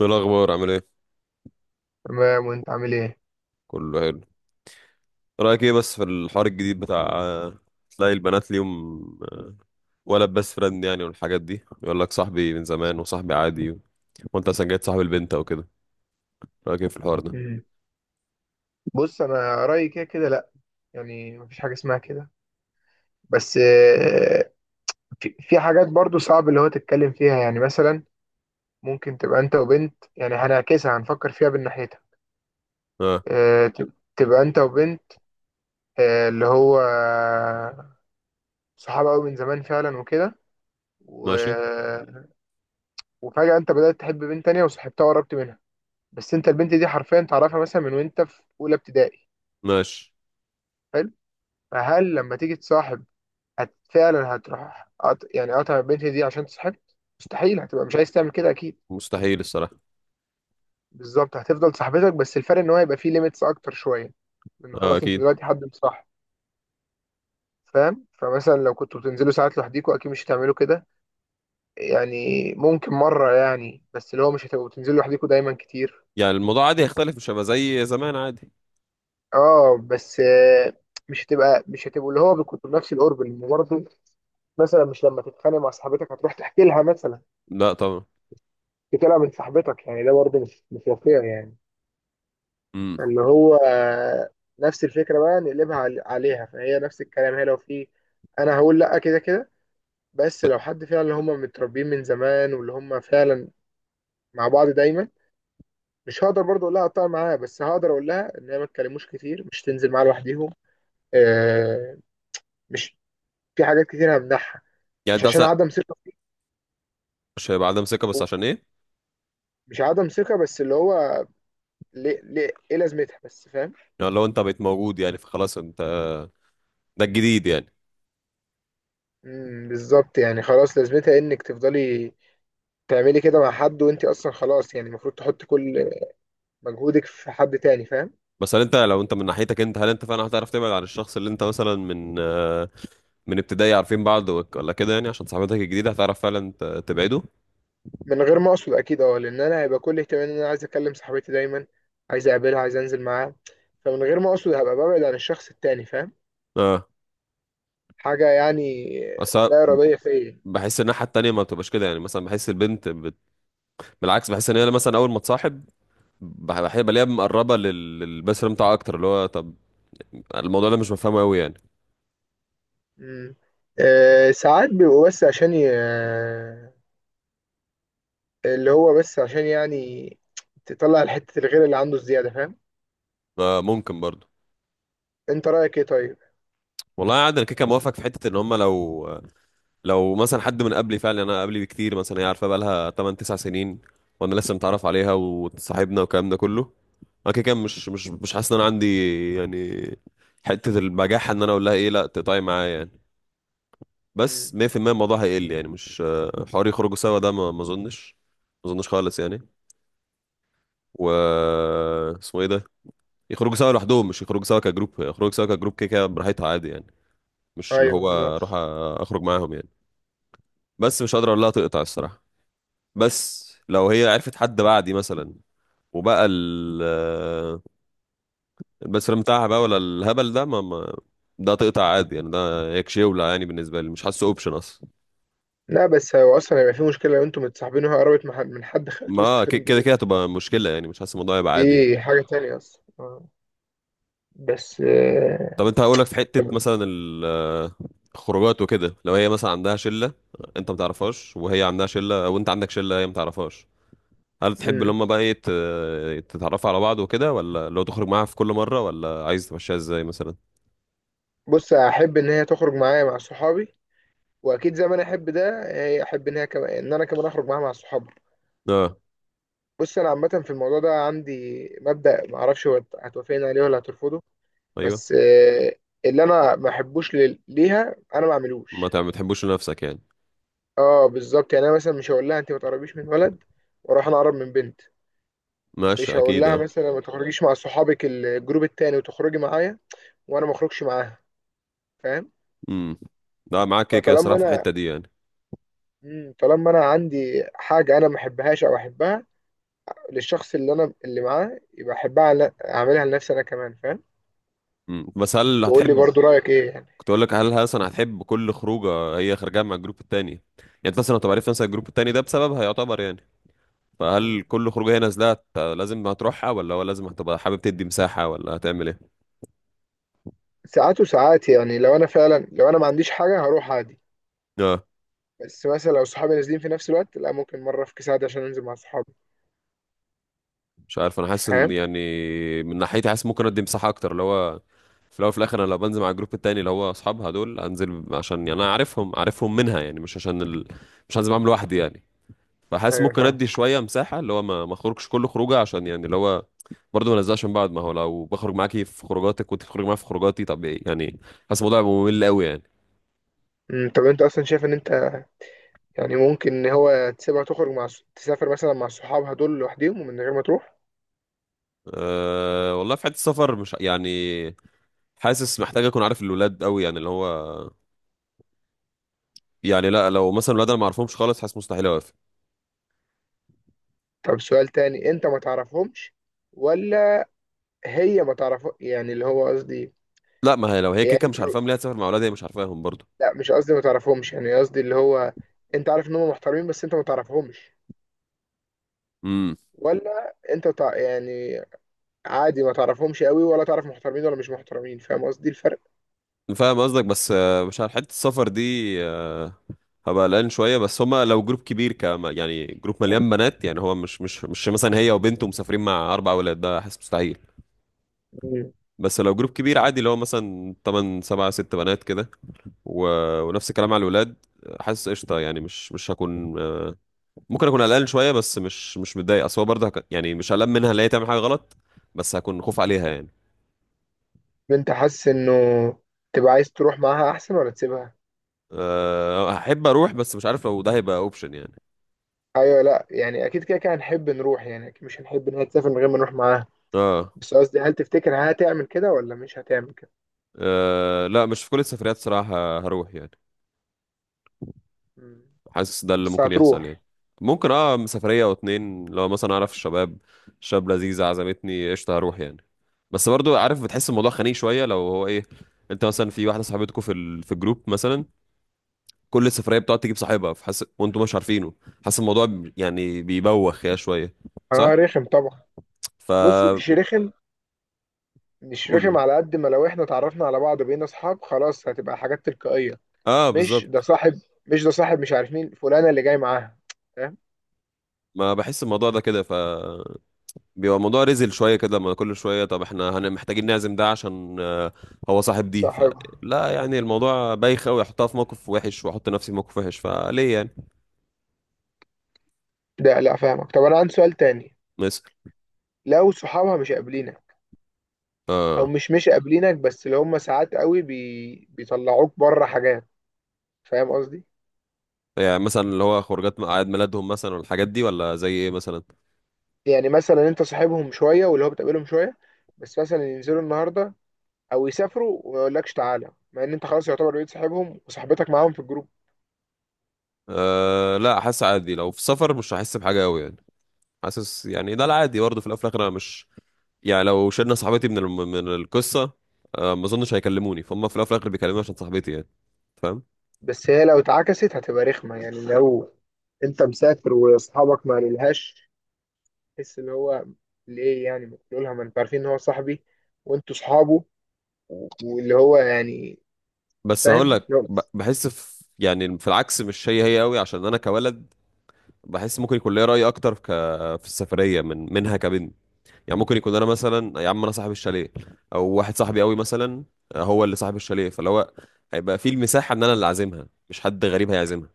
ايه الاخبار؟ عامل ايه؟ تمام، وانت عامل ايه؟ كله حلو. رايك ايه بس في الحوار الجديد بتاع تلاقي البنات ليهم ولد بس فرند يعني؟ والحاجات دي يقول لك صاحبي من زمان وصاحبي عادي وانت اصلا جاي صاحب البنت او كده. رايك ايه في الحوار ده؟ مم. بص انا رايي كده كده لا. يعني مفيش حاجه اسمها كده، بس في حاجات برضو صعب اللي هو تتكلم فيها. يعني مثلا ممكن تبقى انت وبنت، يعني هنعكسها هنفكر فيها من ناحيتها. اه. تبقى انت وبنت، اللي هو صحاب قوي من زمان فعلا وكده. و... ماشي. وفجاه انت بدات تحب بنت تانية وصاحبتها وقربت منها، بس انت البنت دي حرفيا تعرفها مثلا من وانت في اولى ابتدائي. ماشي. حلو. فهل لما تيجي تصاحب فعلا هتروح يعني قطع البنت دي عشان صاحبت؟ مستحيل، هتبقى مش عايز تعمل كده اكيد. مستحيل الصراحه. بالظبط، هتفضل صاحبتك بس الفرق ان هو هيبقى فيه ليميتس اكتر شويه، لان اه خلاص انت اكيد. دلوقتي حد مصاحب. فاهم؟ فمثلا لو كنتوا بتنزلوا ساعات لوحديكوا اكيد مش هتعملوا كده. يعني ممكن مره يعني، بس اللي هو مش هتبقوا بتنزلوا لوحديكوا دايما كتير. يعني الموضوع عادي هيختلف، مش هيبقى زي زمان عادي. اه بس مش هتبقوا اللي هو كنتوا بنفس القرب، لان برضه مثلا مش لما تتخانق مع صاحبتك هتروح تحكي لها مثلا؟ لا طبعا. تحكي لها من صاحبتك، يعني ده برضه مش واقعي يعني. امم. ان هو نفس الفكره بقى نقلبها عليها، فهي نفس الكلام. هي لو في، انا هقول لا كده كده. بس لو حد فعلا اللي هم متربيين من زمان واللي هم فعلا مع بعض دايما، مش هقدر برضه اقول لها اقطع معاها، بس هقدر اقول لها ان هي ما تكلموش كتير، مش تنزل معاها لوحديهم. آه مش، في حاجات كتير همنعها، يعني مش انت عشان اصلا، عدم ثقه فيك. مش هيبقى عدم ثقه، بس عشان ايه؟ مش عدم ثقه، بس اللي هو ليه ليه ايه لازمتها، بس فاهم. يعني لو انت بقيت موجود يعني فخلاص انت، ده الجديد يعني. بالظبط، يعني خلاص لازمتها انك تفضلي تعملي كده مع حد وانت اصلا خلاص؟ يعني المفروض تحط كل مجهودك في حد تاني. فاهم؟ بس هل انت لو انت من ناحيتك انت، هل انت فعلا هتعرف تبعد عن الشخص اللي انت مثلا من من ابتدائي عارفين بعض ولا كده؟ يعني عشان صاحبتك الجديده هتعرف فعلا تبعده؟ من غير ما اقصد اكيد اه، لان انا هيبقى كل اهتمامي ان انا عايز اكلم صاحبتي دايما، عايز اقابلها، عايز انزل معاها. فمن غير ما اقصد هبقى ببعد عن الشخص التاني. فاهم؟ اه. حاجة يعني بس أنا لا إرادية فيا. بحس الناحيه التانيه ما بتبقاش كده، يعني مثلا بحس البنت بالعكس، بحس ان هي مثلا اول ما تصاحب بلاقيها مقربه للبيست فريند بتاعها اكتر، اللي هو طب الموضوع ده مش مفهومه قوي يعني. مم. أه، ساعات بيبقوا بس عشان ي... آه، اللي هو بس عشان يعني تطلع الحتة الغير اللي عنده الزيادة. فاهم؟ آه ممكن برضه. انت رأيك ايه طيب؟ والله عادي، انا كده كده موافق في حته ان هم لو، لو مثلا حد من قبلي فعلا، انا قبلي بكتير مثلا، هي عارفه بقى لها 8 9 سنين وانا لسه متعرف عليها وصاحبنا والكلام ده كله، انا كده كده مش حاسس ان انا عندي يعني حته البجاحه ان انا اقول لها ايه لا تقطعي معايا يعني. بس مم. 100% الموضوع هيقل، يعني مش حوار يخرجوا سوا، ده ما اظنش، ما اظنش خالص يعني. و اسمه ايه ده، يخرجوا سوا لوحدهم، مش يخرجوا سوا كجروب. يخرجوا سوا كجروب كده كده براحتها عادي يعني، مش اللي ايوه هو اروح أ- بالظبط. اخرج معاهم يعني. بس مش قادر اقول لها تقطع الصراحه. بس لو هي عرفت حد بعدي مثلا وبقى البسرام بتاعها بقى، ولا الهبل ده ما ده تقطع عادي يعني، ده يكشيولة يعني بالنسبة لي، مش حاسه اوبشن اصلا. لا، بس هو اصلا هيبقى في مشكله لو انتوا متصاحبين وهي قربت من حد تويست ما ك- فريند كده ليه. كده هتبقى مشكلة يعني، مش حاسس الموضوع يبقى عادي يعني. دي حاجه تانية اصلا. بس طب انت هقولك في حتة طب- مثلا الخروجات وكده، لو هي مثلا عندها شلة انت ما تعرفهاش، وهي عندها شلة وانت عندك شلة هي ما تعرفهاش، هل تحب ان مم. هم بقى ايه تتعرفوا على بعض وكده؟ ولا لو تخرج معاها في كل مرة؟ ولا عايز تمشيها ازاي مثلا؟ بص، احب ان هي تخرج معايا مع صحابي، واكيد زي ما انا احب ده هي احب ان هي كمان، ان انا كمان اخرج معاها مع صحابي. اه. بص انا عامه في الموضوع ده عندي مبدا، ما اعرفش هو هتوافقني عليه ولا هترفضه، ايوه بس اللي انا ما احبوش ليها انا ما اعملوش. ما بتحبوش لنفسك يعني. اه بالظبط، يعني انا مثلا مش هقول لها انت ما تقربيش من ولد واروح انا اقرب من بنت. مش ماشي هقول اكيد لها اه. مثلا ما تخرجيش مع صحابك الجروب التاني وتخرجي معايا وانا ما اخرجش معاها. فاهم؟ امم. لا معاك كده كده صراحه فطالما في انا، الحته دي يعني. طالما انا عندي حاجه انا ما احبهاش او احبها للشخص اللي انا اللي معاه، يبقى احبها اعملها لنفسي انا كمان. فاهم؟ بس هل وقول لي هتحب، برضو رايك ايه يعني. كنت اقول لك هل اصلا هتحب كل خروجه هي خارجه مع الجروب التاني يعني؟ انت اصلا لو عرفت مثلا الجروب التاني ده بسببها يعتبر يعني، فهل مم. كل خروجه هي نازله لازم هتروحها؟ ولا هو لازم هتبقى حابب تدي مساحه؟ ولا هتعمل ايه؟ ساعات وساعات، يعني لو انا ما عنديش حاجه هروح عادي، آه. بس مثلا لو صحابي نازلين في نفس الوقت لا، ممكن مره افكس عادي عشان انزل مع صحابي. مش عارف، انا حاسس ان فاهم؟ يعني من ناحيتي، حاسس ممكن ادي مساحه اكتر، اللي هو في الاول وفي الاخر انا لو بنزل مع الجروب التاني اللي هو اصحابها دول، انزل عشان يعني انا عارفهم، عارفهم منها يعني، مش عشان مش هنزل معاهم لوحدي يعني. فحاسس ايوه ممكن فاهم. ادي شويه مساحه، اللي هو ما اخرجش كل خروجه عشان يعني اللي هو برضه ما نزلش من بعض، ما هو لو بخرج معاكي في خروجاتك وانت بتخرج معايا في خروجاتي، طب ايه يعني؟ حاسس الموضوع هيبقى ممل قوي يعني. طب انت اصلا شايف ان انت، يعني ممكن ان هو تسيبها تخرج مع تسافر مثلا مع صحابها دول لوحدهم ومن غير ما تروح؟ أه والله في حته السفر، مش يعني حاسس محتاج اكون عارف الولاد قوي يعني اللي هو، يعني لا، لو مثلا الولاد انا ما اعرفهمش خالص، حاسس مستحيل اوافق. طب سؤال تاني، انت ما تعرفهمش ولا هي ما تعرف؟ يعني اللي هو قصدي، لا، ما هي لو هي يعني كيكه انت مش لو، عارفاهم، ليه هتسافر مع اولادها هي مش عارفاهم برضو؟ لا مش قصدي ما تعرفهمش. يعني قصدي اللي هو، انت عارف ان هم محترمين بس انت ما تعرفهمش، امم. ولا انت يعني عادي ما تعرفهمش قوي ولا تعرف محترمين ولا مش محترمين؟ فاهم قصدي الفرق؟ فاهم قصدك بس مش عارف حته السفر دي، آه، هبقى قلقان شويه. بس هما لو جروب كبير كما يعني، جروب مليان بنات يعني، هو مش مثلا هي وبنته مسافرين مع اربع اولاد، ده حاسس مستحيل. مم. بس لو جروب كبير عادي اللي هو مثلا 8 7 6 بنات كده و... ونفس الكلام على الولاد، حاسس قشطه يعني، مش هكون ممكن اكون قلقان شويه بس مش متضايق، اصل هو برضه يعني مش قلقان منها اللي هي تعمل حاجه غلط، بس هكون خوف عليها يعني. انت حاسس انه تبقى عايز تروح معاها احسن ولا تسيبها؟ أه هحب اروح بس مش عارف لو ده هيبقى اوبشن يعني. ايوه لا، يعني اكيد كده كده هنحب نروح، يعني اكيد مش هنحب ان هي تسافر من غير ما نروح معاها، اه. بس قصدي هل تفتكر هتعمل كده ولا مش هتعمل كده؟ أه لا، مش في كل السفريات صراحة هروح يعني، مم. حاسس ده اللي بس ممكن يحصل يعني. هتروح. ممكن اه سفرية او اتنين، لو مثلا اعرف الشباب، شاب لذيذ عزمتني قشطة هروح يعني. بس برضو عارف بتحس الموضوع خنيق شوية لو هو ايه، انت مثلا في واحدة صاحبتكوا في في الجروب مثلا كل السفرية بتقعد تجيب صاحبها فحس وانتوا مش عارفينه، حاسس الموضوع يعني بيبوخ يا شوية. صح؟ اه رخم طبعا. ف بص مش رخم، مش قولوا. رخم على قد ما لو احنا اتعرفنا على بعض بقينا اصحاب خلاص، هتبقى حاجات تلقائية. اه مش ده بالظبط. صاحب، مش ده صاحب مش عارف مين فلانة اللي جاي معاها. فاهم؟ ما بحس الموضوع ده كده، ف بيبقى الموضوع رزل شويه كده، لما كل شويه طب احنا هن محتاجين نعزم ده عشان هو صاحب دي، ف صاحب. لا يعني مم. الموضوع بايخ قوي، احطها في موقف وحش واحط نفسي في موقف وحش فليه يعني؟ لا لا، فاهمك. طب انا عندي سؤال تاني، مثلا. لو صحابها مش قابلينك او اه. مش قابلينك، بس اللي هم ساعات قوي بيطلعوك بره حاجات، فاهم قصدي؟ يعني مثلا اللي هو خروجات اعياد ميلادهم مثلا والحاجات دي، ولا زي ايه مثلا؟ يعني مثلا انت صاحبهم شويه واللي هو بتقابلهم شويه، بس مثلا ينزلوا النهارده او يسافروا وما يقولكش تعالى، مع ان انت خلاص يعتبر بقيت صاحبهم وصاحبتك معاهم في الجروب. أه لا، حاسس عادي لو في سفر مش هحس بحاجه قوي يعني، حاسس يعني ده العادي برضه، في الاول وفي الاخر انا مش يعني لو شلنا صاحبتي من من القصه، ما اظنش هيكلموني، فهم في الاول وفي الاخر بيكلموني عشان صاحبتي يعني، فاهم. بس هي لو اتعكست هتبقى رخمه، يعني لو انت مسافر واصحابك ما قالولهاش، تحس اللي هو ليه يعني؟ ما تقولها ما انتوا عارفين ان هو صاحبي وانتوا صحابه واللي هو يعني. بس هقول فاهم؟ لك بحس في يعني في العكس مش هي هي قوي عشان انا كولد، بحس ممكن يكون ليا راي اكتر في السفريه من منها كبنت، يعني ممكن يكون انا مثلا يا عم انا صاحب الشاليه، او واحد صاحبي قوي مثلا هو اللي صاحب الشاليه، فاللي هو هيبقى في المساحه ان انا اللي عازمها مش حد غريب هيعزمها.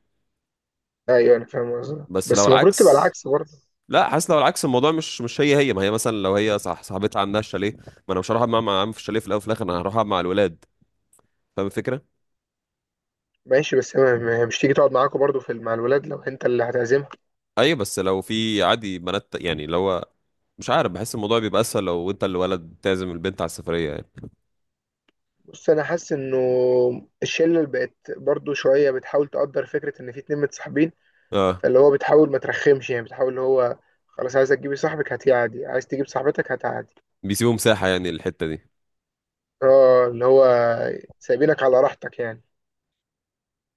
ايوه انا فاهم قصدي، بس لو بس المفروض تبقى العكس، العكس برضه. لا حاسس لو العكس الموضوع مش هي هي، ما هي مثلا لو هي صح صاحبتها عندها الشاليه، ما انا مش هروح أقعد معاها مع عم في الشاليه، في الاول وفي الاخر انا هروح أقعد مع الولاد، فاهم الفكره. ماشي، بس هي مش تيجي تقعد معاكوا برضه في مع الولاد لو انت اللي هتعزمها؟ ايوه بس لو في عادي بنات يعني، لو مش عارف، بحس الموضوع بيبقى اسهل لو انت اللي ولد تعزم البنت على السفريه يعني. بص انا حاسس انه الشله اللي بقت برضو شويه بتحاول تقدر فكره ان في اتنين متصاحبين، اه فاللي هو بتحاول ما ترخمش، يعني بتحاول اللي هو خلاص عايز تجيبي صاحبك هات عادي، عايز تجيب صاحبتك هات عادي. بيسيبوا مساحه يعني الحته دي اه اللي هو سايبينك على راحتك يعني.